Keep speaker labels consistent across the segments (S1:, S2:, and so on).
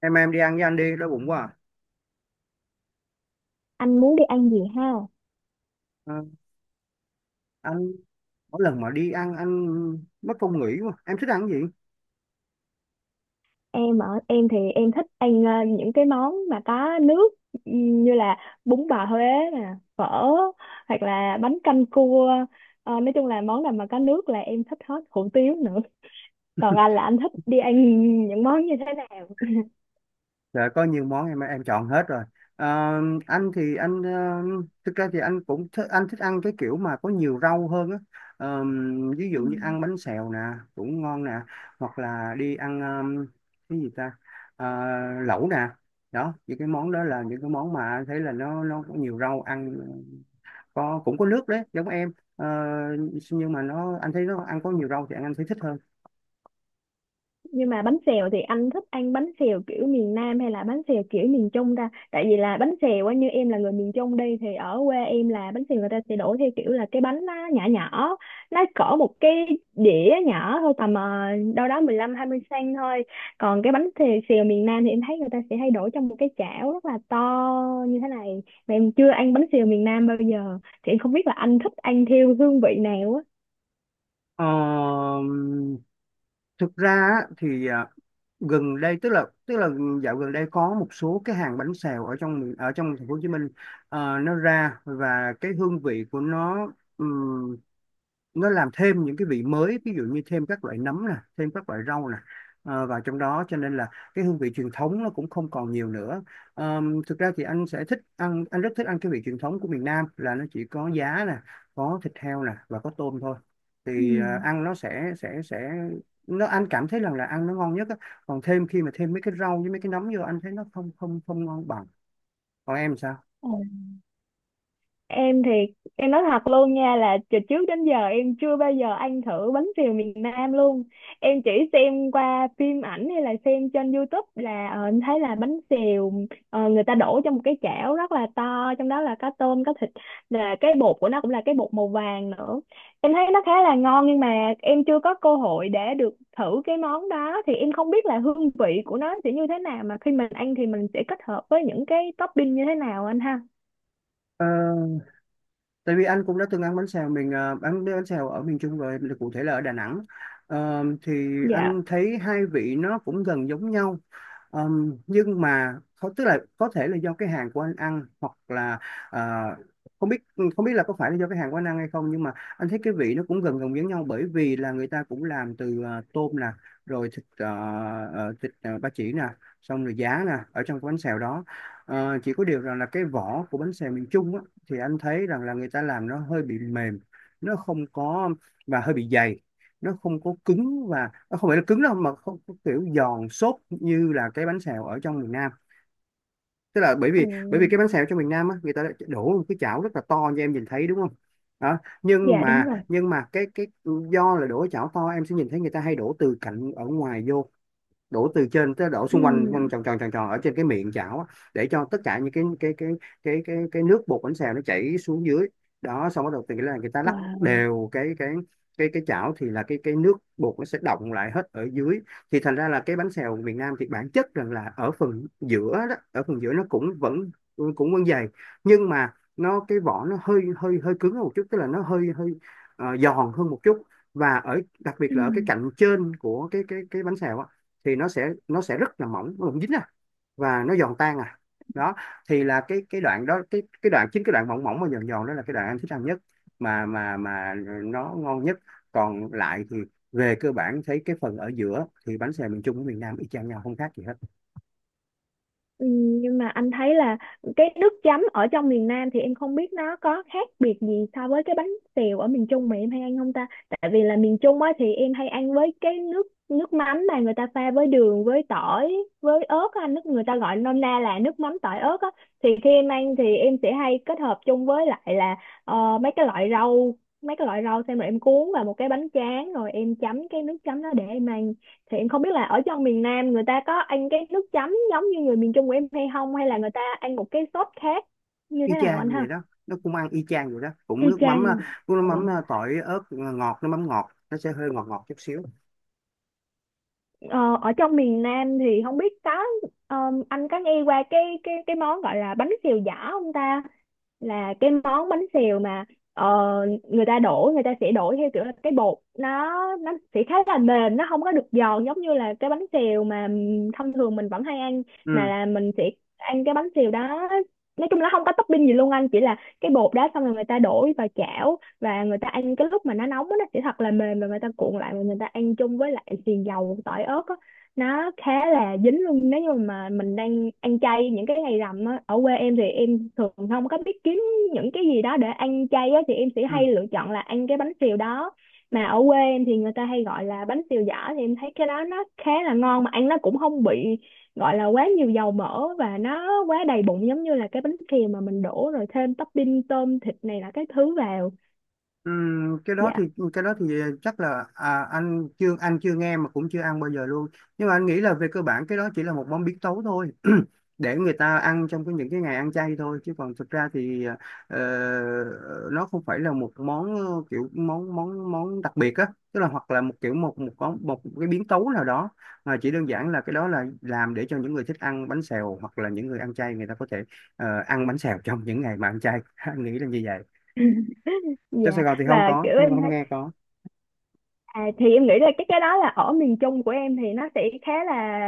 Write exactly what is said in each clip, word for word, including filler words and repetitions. S1: em em đi ăn với anh đi, đói bụng quá à.
S2: Anh muốn đi ăn gì ha?
S1: Ờ, anh, mỗi lần mà đi ăn anh mất công nghỉ quá, em thích ăn cái gì?
S2: Em ở em thì em thích ăn ờ, những cái món mà có nước. Ừm, như là bún bò Huế nè, phở, hoặc là bánh canh cua. Ờ, nói chung là món nào mà có nước là em thích hết, hủ tiếu nữa. Còn anh là anh thích đi ăn những món như thế nào?
S1: Dạ có nhiều món em em chọn hết rồi. Ờ, anh thì anh ờ, thực ra thì anh cũng thích, anh thích ăn cái kiểu mà có nhiều rau hơn á. Ờ, Ví
S2: Ừ.
S1: dụ như ăn bánh xèo nè, cũng ngon nè, hoặc là đi ăn, ờ, cái gì ta? Ờ, Lẩu nè. Đó, những cái món đó là những cái món mà anh thấy là nó nó có nhiều rau ăn, có, cũng có nước đấy giống em. Ờ, nhưng mà nó, anh thấy nó ăn có nhiều rau thì anh, anh thấy thích hơn.
S2: Nhưng mà bánh xèo thì anh thích ăn bánh xèo kiểu miền Nam hay là bánh xèo kiểu miền Trung ra? Tại vì là bánh xèo á, như em là người miền Trung đi thì ở quê em là bánh xèo người ta sẽ đổ theo kiểu là cái bánh nó nhỏ nhỏ, nó cỡ một cái đĩa nhỏ thôi, tầm ờ, đâu đó mười lăm hai mươi xăng ti mét thôi. Còn cái bánh xèo, xèo miền Nam thì em thấy người ta sẽ hay đổ trong một cái chảo rất là to như thế này, mà em chưa ăn bánh xèo miền Nam bao giờ thì em không biết là anh thích ăn theo hương vị nào á.
S1: Ờ, Thực ra á, thì à, gần đây, tức là tức là dạo gần đây có một số cái hàng bánh xèo ở trong miền- ở trong thành phố Hồ Chí Minh, ờ, nó ra và cái hương vị của nó nó làm thêm những cái vị mới, ví dụ như thêm các loại nấm nè, thêm các loại rau nè, ờ, vào trong đó, cho nên là cái hương vị truyền thống nó cũng không còn nhiều nữa. Ờm, thực ra thì anh sẽ thích ăn, anh rất thích ăn cái vị truyền thống của miền Nam, là nó chỉ có giá nè, có thịt heo nè và có tôm thôi. Thì ờ, ăn nó sẽ sẽ sẽ nó, anh cảm thấy rằng là ăn nó ngon nhất á. Còn thêm, khi mà thêm mấy cái rau với mấy cái nấm vô anh thấy nó không không không ngon bằng. Còn em sao?
S2: Ừ. Em thì em nói thật luôn nha, là từ trước đến giờ em chưa bao giờ ăn thử bánh xèo miền Nam luôn. Em chỉ xem qua phim ảnh hay là xem trên YouTube, là ờ, em thấy là bánh xèo, ờ, người ta đổ trong một cái chảo rất là to, trong đó là có tôm có thịt, là cái bột của nó cũng là cái bột màu vàng nữa. Em thấy nó khá là ngon, nhưng mà em chưa có cơ hội để được thử cái món đó thì em không biết là hương vị của nó sẽ như thế nào, mà khi mình ăn thì mình sẽ kết hợp với những cái topping như thế nào anh ha?
S1: Ờ, Tại vì anh cũng đã từng ăn bánh xèo mình, ờ, ăn bánh xèo ở miền Trung rồi, là cụ thể là ở Đà Nẵng. Ờ, thì
S2: Dạ.
S1: anh thấy hai vị nó cũng gần giống nhau. Ờ, nhưng mà không- tức là có thể là do cái hàng của anh ăn, hoặc là ờ, không biết, không biết là có phải là do cái hàng của anh ăn hay không, nhưng mà anh thấy cái vị nó cũng gần gần giống nhau, bởi vì là người ta cũng làm từ ờ, tôm nè, rồi thịt ờ, ờ, thịt ờ, ba chỉ nè, xong rồi giá nè ở trong cái bánh xèo đó. Ờ, chỉ có điều rằng là cái vỏ của bánh xèo miền Trung á, thì anh thấy rằng là người ta làm nó hơi bị mềm, nó không có, và hơi bị dày. Nó không có cứng, và nó không phải là cứng đâu mà không có kiểu giòn xốp như là cái bánh xèo ở trong miền Nam. Tức là, bởi
S2: Ừ.
S1: vì bởi vì cái bánh xèo trong miền Nam á, người ta đã đổ một cái chảo rất là to, như em nhìn thấy đúng không? Đó, nhưng
S2: Dạ đúng
S1: mà
S2: rồi.
S1: nhưng mà cái cái, do là đổ chảo to em sẽ nhìn thấy người ta hay đổ từ cạnh ở ngoài vô, đổ từ trên tới, đổ xung quanh, quanh
S2: Ừm.
S1: tròn tròn tròn tròn ở trên cái miệng chảo á, để cho tất cả những cái cái cái cái cái cái nước bột bánh xèo nó chảy xuống dưới. Đó, xong bắt đầu từ cái là người ta lắc
S2: Wow.
S1: đều cái cái cái cái chảo, thì là cái cái nước bột nó sẽ đọng lại hết ở dưới. Thì thành ra là cái bánh xèo miền Nam thì bản chất rằng là ở phần giữa đó, ở phần giữa nó cũng vẫn, cũng vẫn dày, nhưng mà nó, cái vỏ nó hơi hơi hơi cứng hơn một chút, tức là nó hơi hơi ờ, giòn hơn một chút. Và ở, đặc biệt là
S2: Ừm.
S1: ở cái cạnh trên của cái cái cái bánh xèo á, thì nó sẽ nó sẽ rất là mỏng, nó không dính à, và nó giòn tan à đó. Thì là cái cái đoạn đó, cái cái đoạn chính, cái đoạn mỏng mỏng và giòn giòn đó là cái đoạn em thích ăn nhất, mà mà mà nó ngon nhất. Còn lại thì về cơ bản thấy cái phần ở giữa thì bánh xèo miền Trung với miền Nam y chang nhau, không khác gì hết.
S2: Ừm. Nhưng mà anh thấy là cái nước chấm ở trong miền Nam thì em không biết nó có khác biệt gì so với cái bánh xèo ở miền Trung mà em hay ăn không ta? Tại vì là miền Trung á thì em hay ăn với cái nước nước mắm mà người ta pha với đường, với tỏi, với ớt á, nước người ta gọi nôm na là nước mắm tỏi ớt á. Thì khi em ăn thì em sẽ hay kết hợp chung với lại là ờ, mấy cái loại rau, mấy cái loại rau xem rồi em cuốn vào một cái bánh tráng rồi em chấm cái nước chấm đó để em ăn. Thì em không biết là ở trong miền Nam người ta có ăn cái nước chấm giống như người miền Trung của em hay không, hay là người ta ăn một cái sốt khác như thế
S1: Y
S2: nào
S1: chang
S2: anh
S1: như vậy
S2: ha?
S1: đó, nó cũng ăn y chang vậy đó, cũng
S2: Y
S1: nước
S2: chang
S1: mắm ờ,
S2: luôn à.
S1: cũng nước mắm ờ,
S2: Ồ.
S1: tỏi ớt ngọt, nước mắm ngọt nó sẽ hơi ngọt ngọt chút xíu.
S2: ờ, Ở trong miền Nam thì không biết có, ờ, anh có nghe qua cái cái cái món gọi là bánh xèo giỏ không ta? Là cái món bánh xèo mà ờ, người ta đổ người ta sẽ đổ theo kiểu là cái bột nó nó sẽ khá là mềm, nó không có được giòn giống như là cái bánh xèo mà thông thường mình vẫn hay ăn, mà
S1: Ừ,
S2: là mình sẽ ăn cái bánh xèo đó. Nói chung là nó không có topping gì luôn anh, chỉ là cái bột đó xong rồi người ta đổ vào chảo và người ta ăn cái lúc mà nó nóng á, nó sẽ thật là mềm và người ta cuộn lại và người ta ăn chung với lại xì dầu tỏi ớt á. Nó khá là dính luôn, nếu như mà mình đang ăn chay những cái ngày rằm á, ở quê em thì em thường không có biết kiếm những cái gì đó để ăn chay á, thì em sẽ
S1: ừ.
S2: hay lựa chọn là ăn cái bánh xèo đó, mà ở quê em thì người ta hay gọi là bánh xèo giỏ. Thì em thấy cái đó nó khá là ngon, mà ăn nó cũng không bị gọi là quá nhiều dầu mỡ và nó quá đầy bụng giống như là cái bánh xèo mà mình đổ rồi thêm topping tôm thịt này là cái thứ vào.
S1: Ừm, cái đó thì
S2: Dạ.
S1: cái đó thì chắc là, à, anh chưa anh chưa nghe mà cũng chưa ăn bao giờ luôn, nhưng mà anh nghĩ là về cơ bản cái đó chỉ là một món biến tấu thôi để người ta ăn trong cái, những cái ngày ăn chay thôi, chứ còn thực ra thì ờ, nó không phải là một món, ờ, kiểu món món món đặc biệt á, tức là, hoặc là một kiểu, một một món, một cái biến tấu nào đó, mà chỉ đơn giản là cái đó là làm để cho những người thích ăn bánh xèo, hoặc là những người ăn chay người ta có thể ờ, ăn bánh xèo trong những ngày mà ăn chay. Anh nghĩ là như vậy. Trong Sài
S2: Dạ.
S1: Gòn thì không
S2: Và
S1: có,
S2: kiểu
S1: không
S2: em,
S1: không nghe có.
S2: à, thì em nghĩ là cái cái đó là ở miền Trung của em thì nó sẽ khá là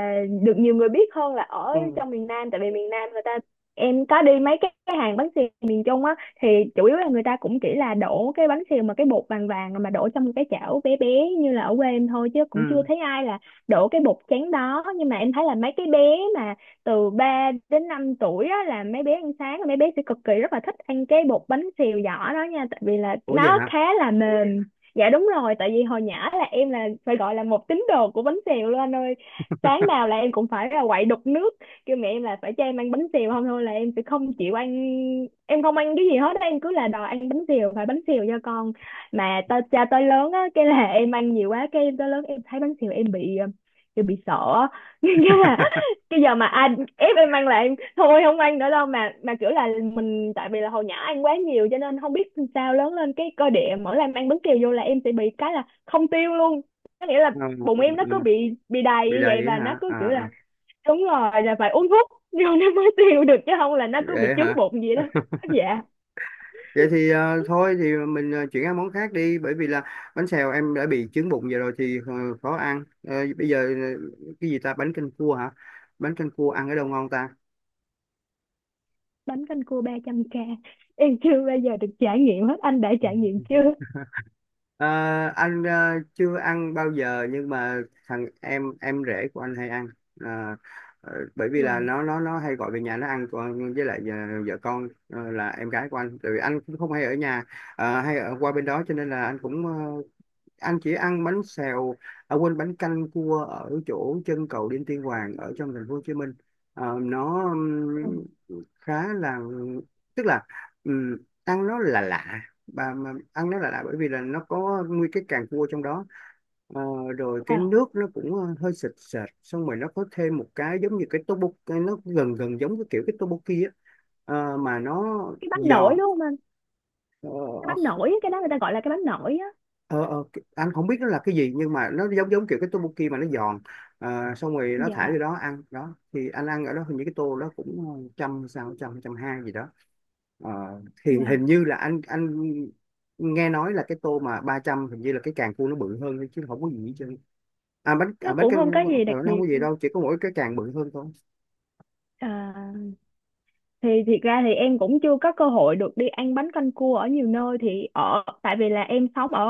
S2: được nhiều người biết hơn là ở
S1: Ừ.
S2: trong miền Nam, tại vì miền Nam người ta, em có đi mấy cái, cái hàng bánh xèo miền Trung á, thì chủ yếu là người ta cũng chỉ là đổ cái bánh xèo mà cái bột vàng vàng mà đổ trong cái chảo bé bé như là ở quê em thôi, chứ cũng chưa
S1: Ừ.
S2: thấy ai là đổ cái bột trắng đó. Nhưng mà em thấy là mấy cái bé mà từ ba đến năm tuổi á là mấy bé ăn sáng, mấy bé sẽ cực kỳ rất là thích ăn cái bột bánh xèo giỏ đó nha, tại vì là
S1: Ủa vậy
S2: nó
S1: hả?
S2: khá là mềm. Dạ đúng rồi, tại vì hồi nhỏ là em là phải gọi là một tín đồ của bánh xèo luôn anh ơi. Sáng nào là em cũng phải là quậy đục nước, kêu mẹ em là phải cho em ăn bánh xèo, không thôi là em sẽ không chịu ăn, em không ăn cái gì hết, á, em cứ là đòi ăn bánh xèo, phải bánh xèo cho con. Mà tới cha tới lớn á, cái là em ăn nhiều quá, cái em tới lớn em thấy bánh xèo em bị ờ, kiểu bị sợ á. Cái giờ mà anh ép em ăn là em thôi không ăn nữa đâu, mà mà kiểu là mình, tại vì là hồi nhỏ ăn quá nhiều cho nên không biết sao lớn lên cái cơ địa mỗi lần ăn bánh kẹo vô là em sẽ bị cái là không tiêu luôn. Có nghĩa là
S1: Ờ,
S2: bụng
S1: ừ,
S2: em nó cứ
S1: ừ.
S2: bị bị đầy
S1: Bị
S2: như vậy,
S1: đầy
S2: và nó
S1: hả?
S2: cứ
S1: À,
S2: kiểu là,
S1: à.
S2: đúng rồi, là phải uống thuốc vô nó mới tiêu được, chứ không là nó cứ bị
S1: Vậy
S2: chướng
S1: hả?
S2: bụng vậy đó. Dạ.
S1: Vậy thì ờ, thôi thì mình ờ, chuyển sang món khác đi, bởi vì là bánh xèo em đã bị chứng bụng vậy rồi thì, ờ, khó ăn. Ờ, Bây giờ ờ, cái gì ta? Bánh canh cua hả? Bánh canh cua ăn ở đâu ngon ta?
S2: Bánh canh cua ba trăm k, em chưa bao giờ được trải nghiệm hết, anh đã trải nghiệm chưa?
S1: Ờ, anh ờ, chưa ăn bao giờ, nhưng mà thằng em em rể của anh hay ăn. Ờ, ờ, Bởi vì là
S2: Wow.
S1: nó nó nó hay gọi về nhà nó ăn, còn với lại vợ, vợ con, ờ, là em gái của anh. Tại vì anh cũng không hay ở nhà, ờ, hay ở qua bên đó, cho nên là anh cũng ờ, anh chỉ ăn bánh xèo, à quên, bánh canh cua ở chỗ chân cầu Đinh Tiên Hoàng ở trong thành phố Hồ Chí Minh. Ờ, nó
S2: Ừ.
S1: ừm, khá là, tức là, ừm, ăn nó là lạ, bà mà ăn nó là lạ, bởi vì là nó có nguyên cái càng cua trong đó. Ờ, Rồi cái
S2: Wow.
S1: nước nó cũng ờ, hơi sệt sệt, xong rồi nó có thêm một cái giống như cái tteokbokki, cái nó gần gần giống cái kiểu cái tteokbokki á. Ờ, mà nó
S2: Cái bánh nổi
S1: giòn,
S2: đúng không anh? Cái
S1: ờ,
S2: bánh nổi, cái đó người ta gọi là cái bánh nổi á.
S1: ờ, ờ, cái- anh không biết nó là cái gì, nhưng mà nó giống giống kiểu cái tteokbokki mà nó giòn. Ờ, xong rồi nó thả
S2: Dạ.
S1: vô đó ăn đó, thì anh ăn ở đó hình như cái tô đó cũng ờ, trăm sao, trăm trăm hai gì đó. Ờ, thì hình
S2: Wow.
S1: như là anh anh nghe nói là cái tô mà ba trăm hình như là cái càng cua nó bự hơn thôi, chứ không có gì hết trơn. À bánh, à,
S2: Nó
S1: bánh
S2: cũng
S1: căn.
S2: không có gì
S1: Ờ,
S2: đặc
S1: nó không có
S2: biệt.
S1: gì đâu, chỉ có mỗi cái càng bự hơn thôi.
S2: À, thì thiệt ra thì em cũng chưa có cơ hội được đi ăn bánh canh cua ở nhiều nơi, thì ở tại vì là em sống ở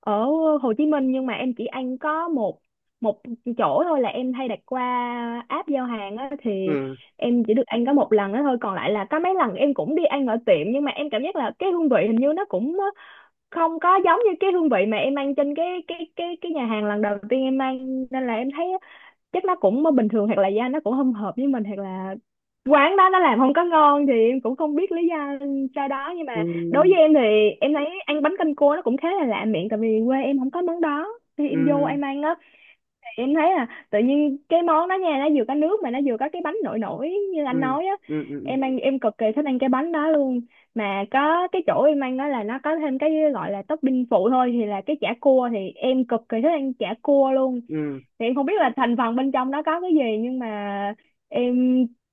S2: ở Hồ Chí Minh, nhưng mà em chỉ ăn có một một chỗ thôi, là em hay đặt qua app giao hàng á. Thì
S1: Ừ,
S2: em chỉ được ăn có một lần đó thôi, còn lại là có mấy lần em cũng đi ăn ở tiệm nhưng mà em cảm giác là cái hương vị hình như nó cũng không có giống như cái hương vị mà em ăn trên cái cái cái cái nhà hàng lần đầu tiên em ăn, nên là em thấy chắc nó cũng bình thường, hoặc là da nó cũng không hợp với mình, hoặc là quán đó nó làm không có ngon, thì em cũng không biết lý do cho đó. Nhưng
S1: ừ,
S2: mà đối với em thì em thấy ăn bánh canh cua nó cũng khá là lạ miệng, tại vì quê em không có món đó. Khi em vô
S1: ừ,
S2: em ăn á, thì em thấy là tự nhiên cái món đó nha, nó vừa có nước mà nó vừa có cái bánh nổi nổi như
S1: ừ,
S2: anh nói á,
S1: ừ, ừ, ừ.
S2: em ăn em cực kỳ thích ăn cái bánh đó luôn. Mà có cái chỗ em ăn đó là nó có thêm cái gọi là topping phụ thôi, thì là cái chả cua, thì em cực kỳ thích ăn chả cua luôn.
S1: Ừ.
S2: Thì em không biết là thành phần bên trong đó có cái gì, nhưng mà em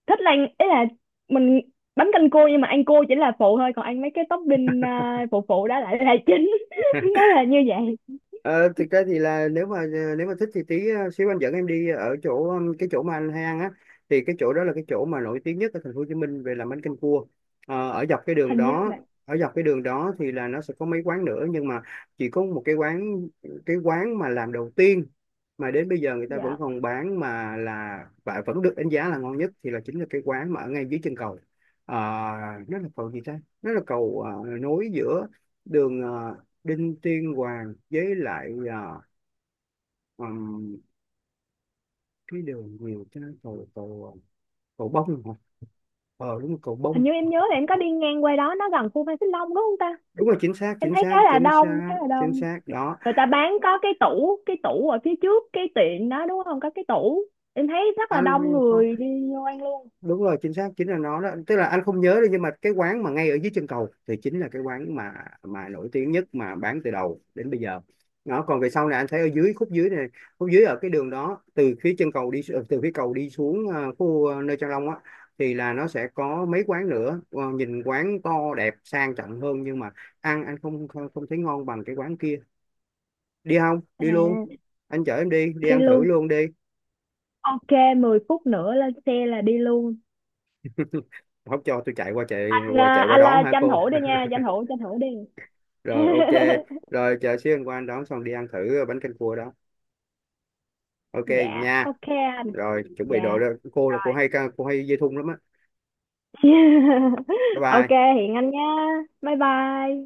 S2: thích là, ý là mình bánh canh cua nhưng mà ăn cua chỉ là phụ thôi, còn ăn mấy cái topping à, phụ phụ đó lại là chính. Nó là như vậy.
S1: Ờ, Thực ra thì là nếu mà ờ, nếu mà thích thì tí ờ, xíu anh dẫn em đi ở chỗ, um, cái chỗ mà anh hay ăn á, thì cái chỗ đó là cái chỗ mà nổi tiếng nhất ở thành phố Hồ Chí Minh về làm bánh canh cua. Ờ, ở dọc cái đường
S2: Hình như
S1: đó,
S2: là.
S1: ở dọc cái đường đó thì là nó sẽ có mấy quán nữa, nhưng mà chỉ có một cái quán, cái quán mà làm đầu tiên, mà đến bây giờ người ta vẫn
S2: Dạ.
S1: còn bán, mà là và vẫn được đánh giá là ngon nhất, thì là chính là cái quán mà ở ngay dưới chân cầu. Ờ, nó là cầu gì ta, nó là cầu ờ, nối giữa đường, ờ, Đinh Tiên Hoàng với lại, à, ừm, cái đường nhiều cái cầu cầu, à, cầu Bông hả? Ờ đúng rồi, cầu Bông.
S2: Hình như em nhớ là em có đi ngang qua đó, nó gần khu Phan Xích Long đúng không ta?
S1: Đúng rồi, chính xác,
S2: Em
S1: chính
S2: thấy khá
S1: xác,
S2: là
S1: chính
S2: đông,
S1: xác,
S2: khá là
S1: chính
S2: đông.
S1: xác đó
S2: Người ta bán có cái tủ, cái tủ ở phía trước cái tiệm đó đúng không, có cái tủ, em thấy rất là đông
S1: anh.
S2: người đi vô ăn luôn.
S1: Đúng rồi, chính xác, chính là nó đó, tức là anh không nhớ được, nhưng mà cái quán mà ngay ở dưới chân cầu thì chính là cái quán mà mà nổi tiếng nhất mà bán từ đầu đến bây giờ. Nó còn về sau này anh thấy ở dưới khúc dưới này, khúc dưới ở cái đường đó, từ phía chân cầu đi xu- từ phía cầu đi xuống ờ, khu, ờ, nơi Trang Long á, thì là nó sẽ có mấy quán nữa. Ờ, Nhìn quán to đẹp sang trọng hơn, nhưng mà ăn anh không không không thấy ngon bằng cái quán kia. Đi không? Đi luôn,
S2: À.
S1: anh chở em đi, đi
S2: Đi
S1: ăn thử
S2: luôn.
S1: luôn đi.
S2: OK. Mười phút nữa lên xe là đi luôn.
S1: Không cho tôi chạy qua chạy qua
S2: Là
S1: chạy qua
S2: anh
S1: đón
S2: là
S1: hả
S2: tranh
S1: cô?
S2: thủ đi nha, tranh thủ tranh thủ đi.
S1: Rồi, ok. Rồi chờ xíu anh qua anh đón, xong đi ăn thử bánh canh cua đó. Ok vậy
S2: Dạ.
S1: nha.
S2: OK. Anh.
S1: Rồi chuẩn bị đồ
S2: Dạ.
S1: đó. cô là cô hay cô hay dây thun lắm á. Bye
S2: OK.
S1: bye.
S2: Hiện anh nhá. Bye bye.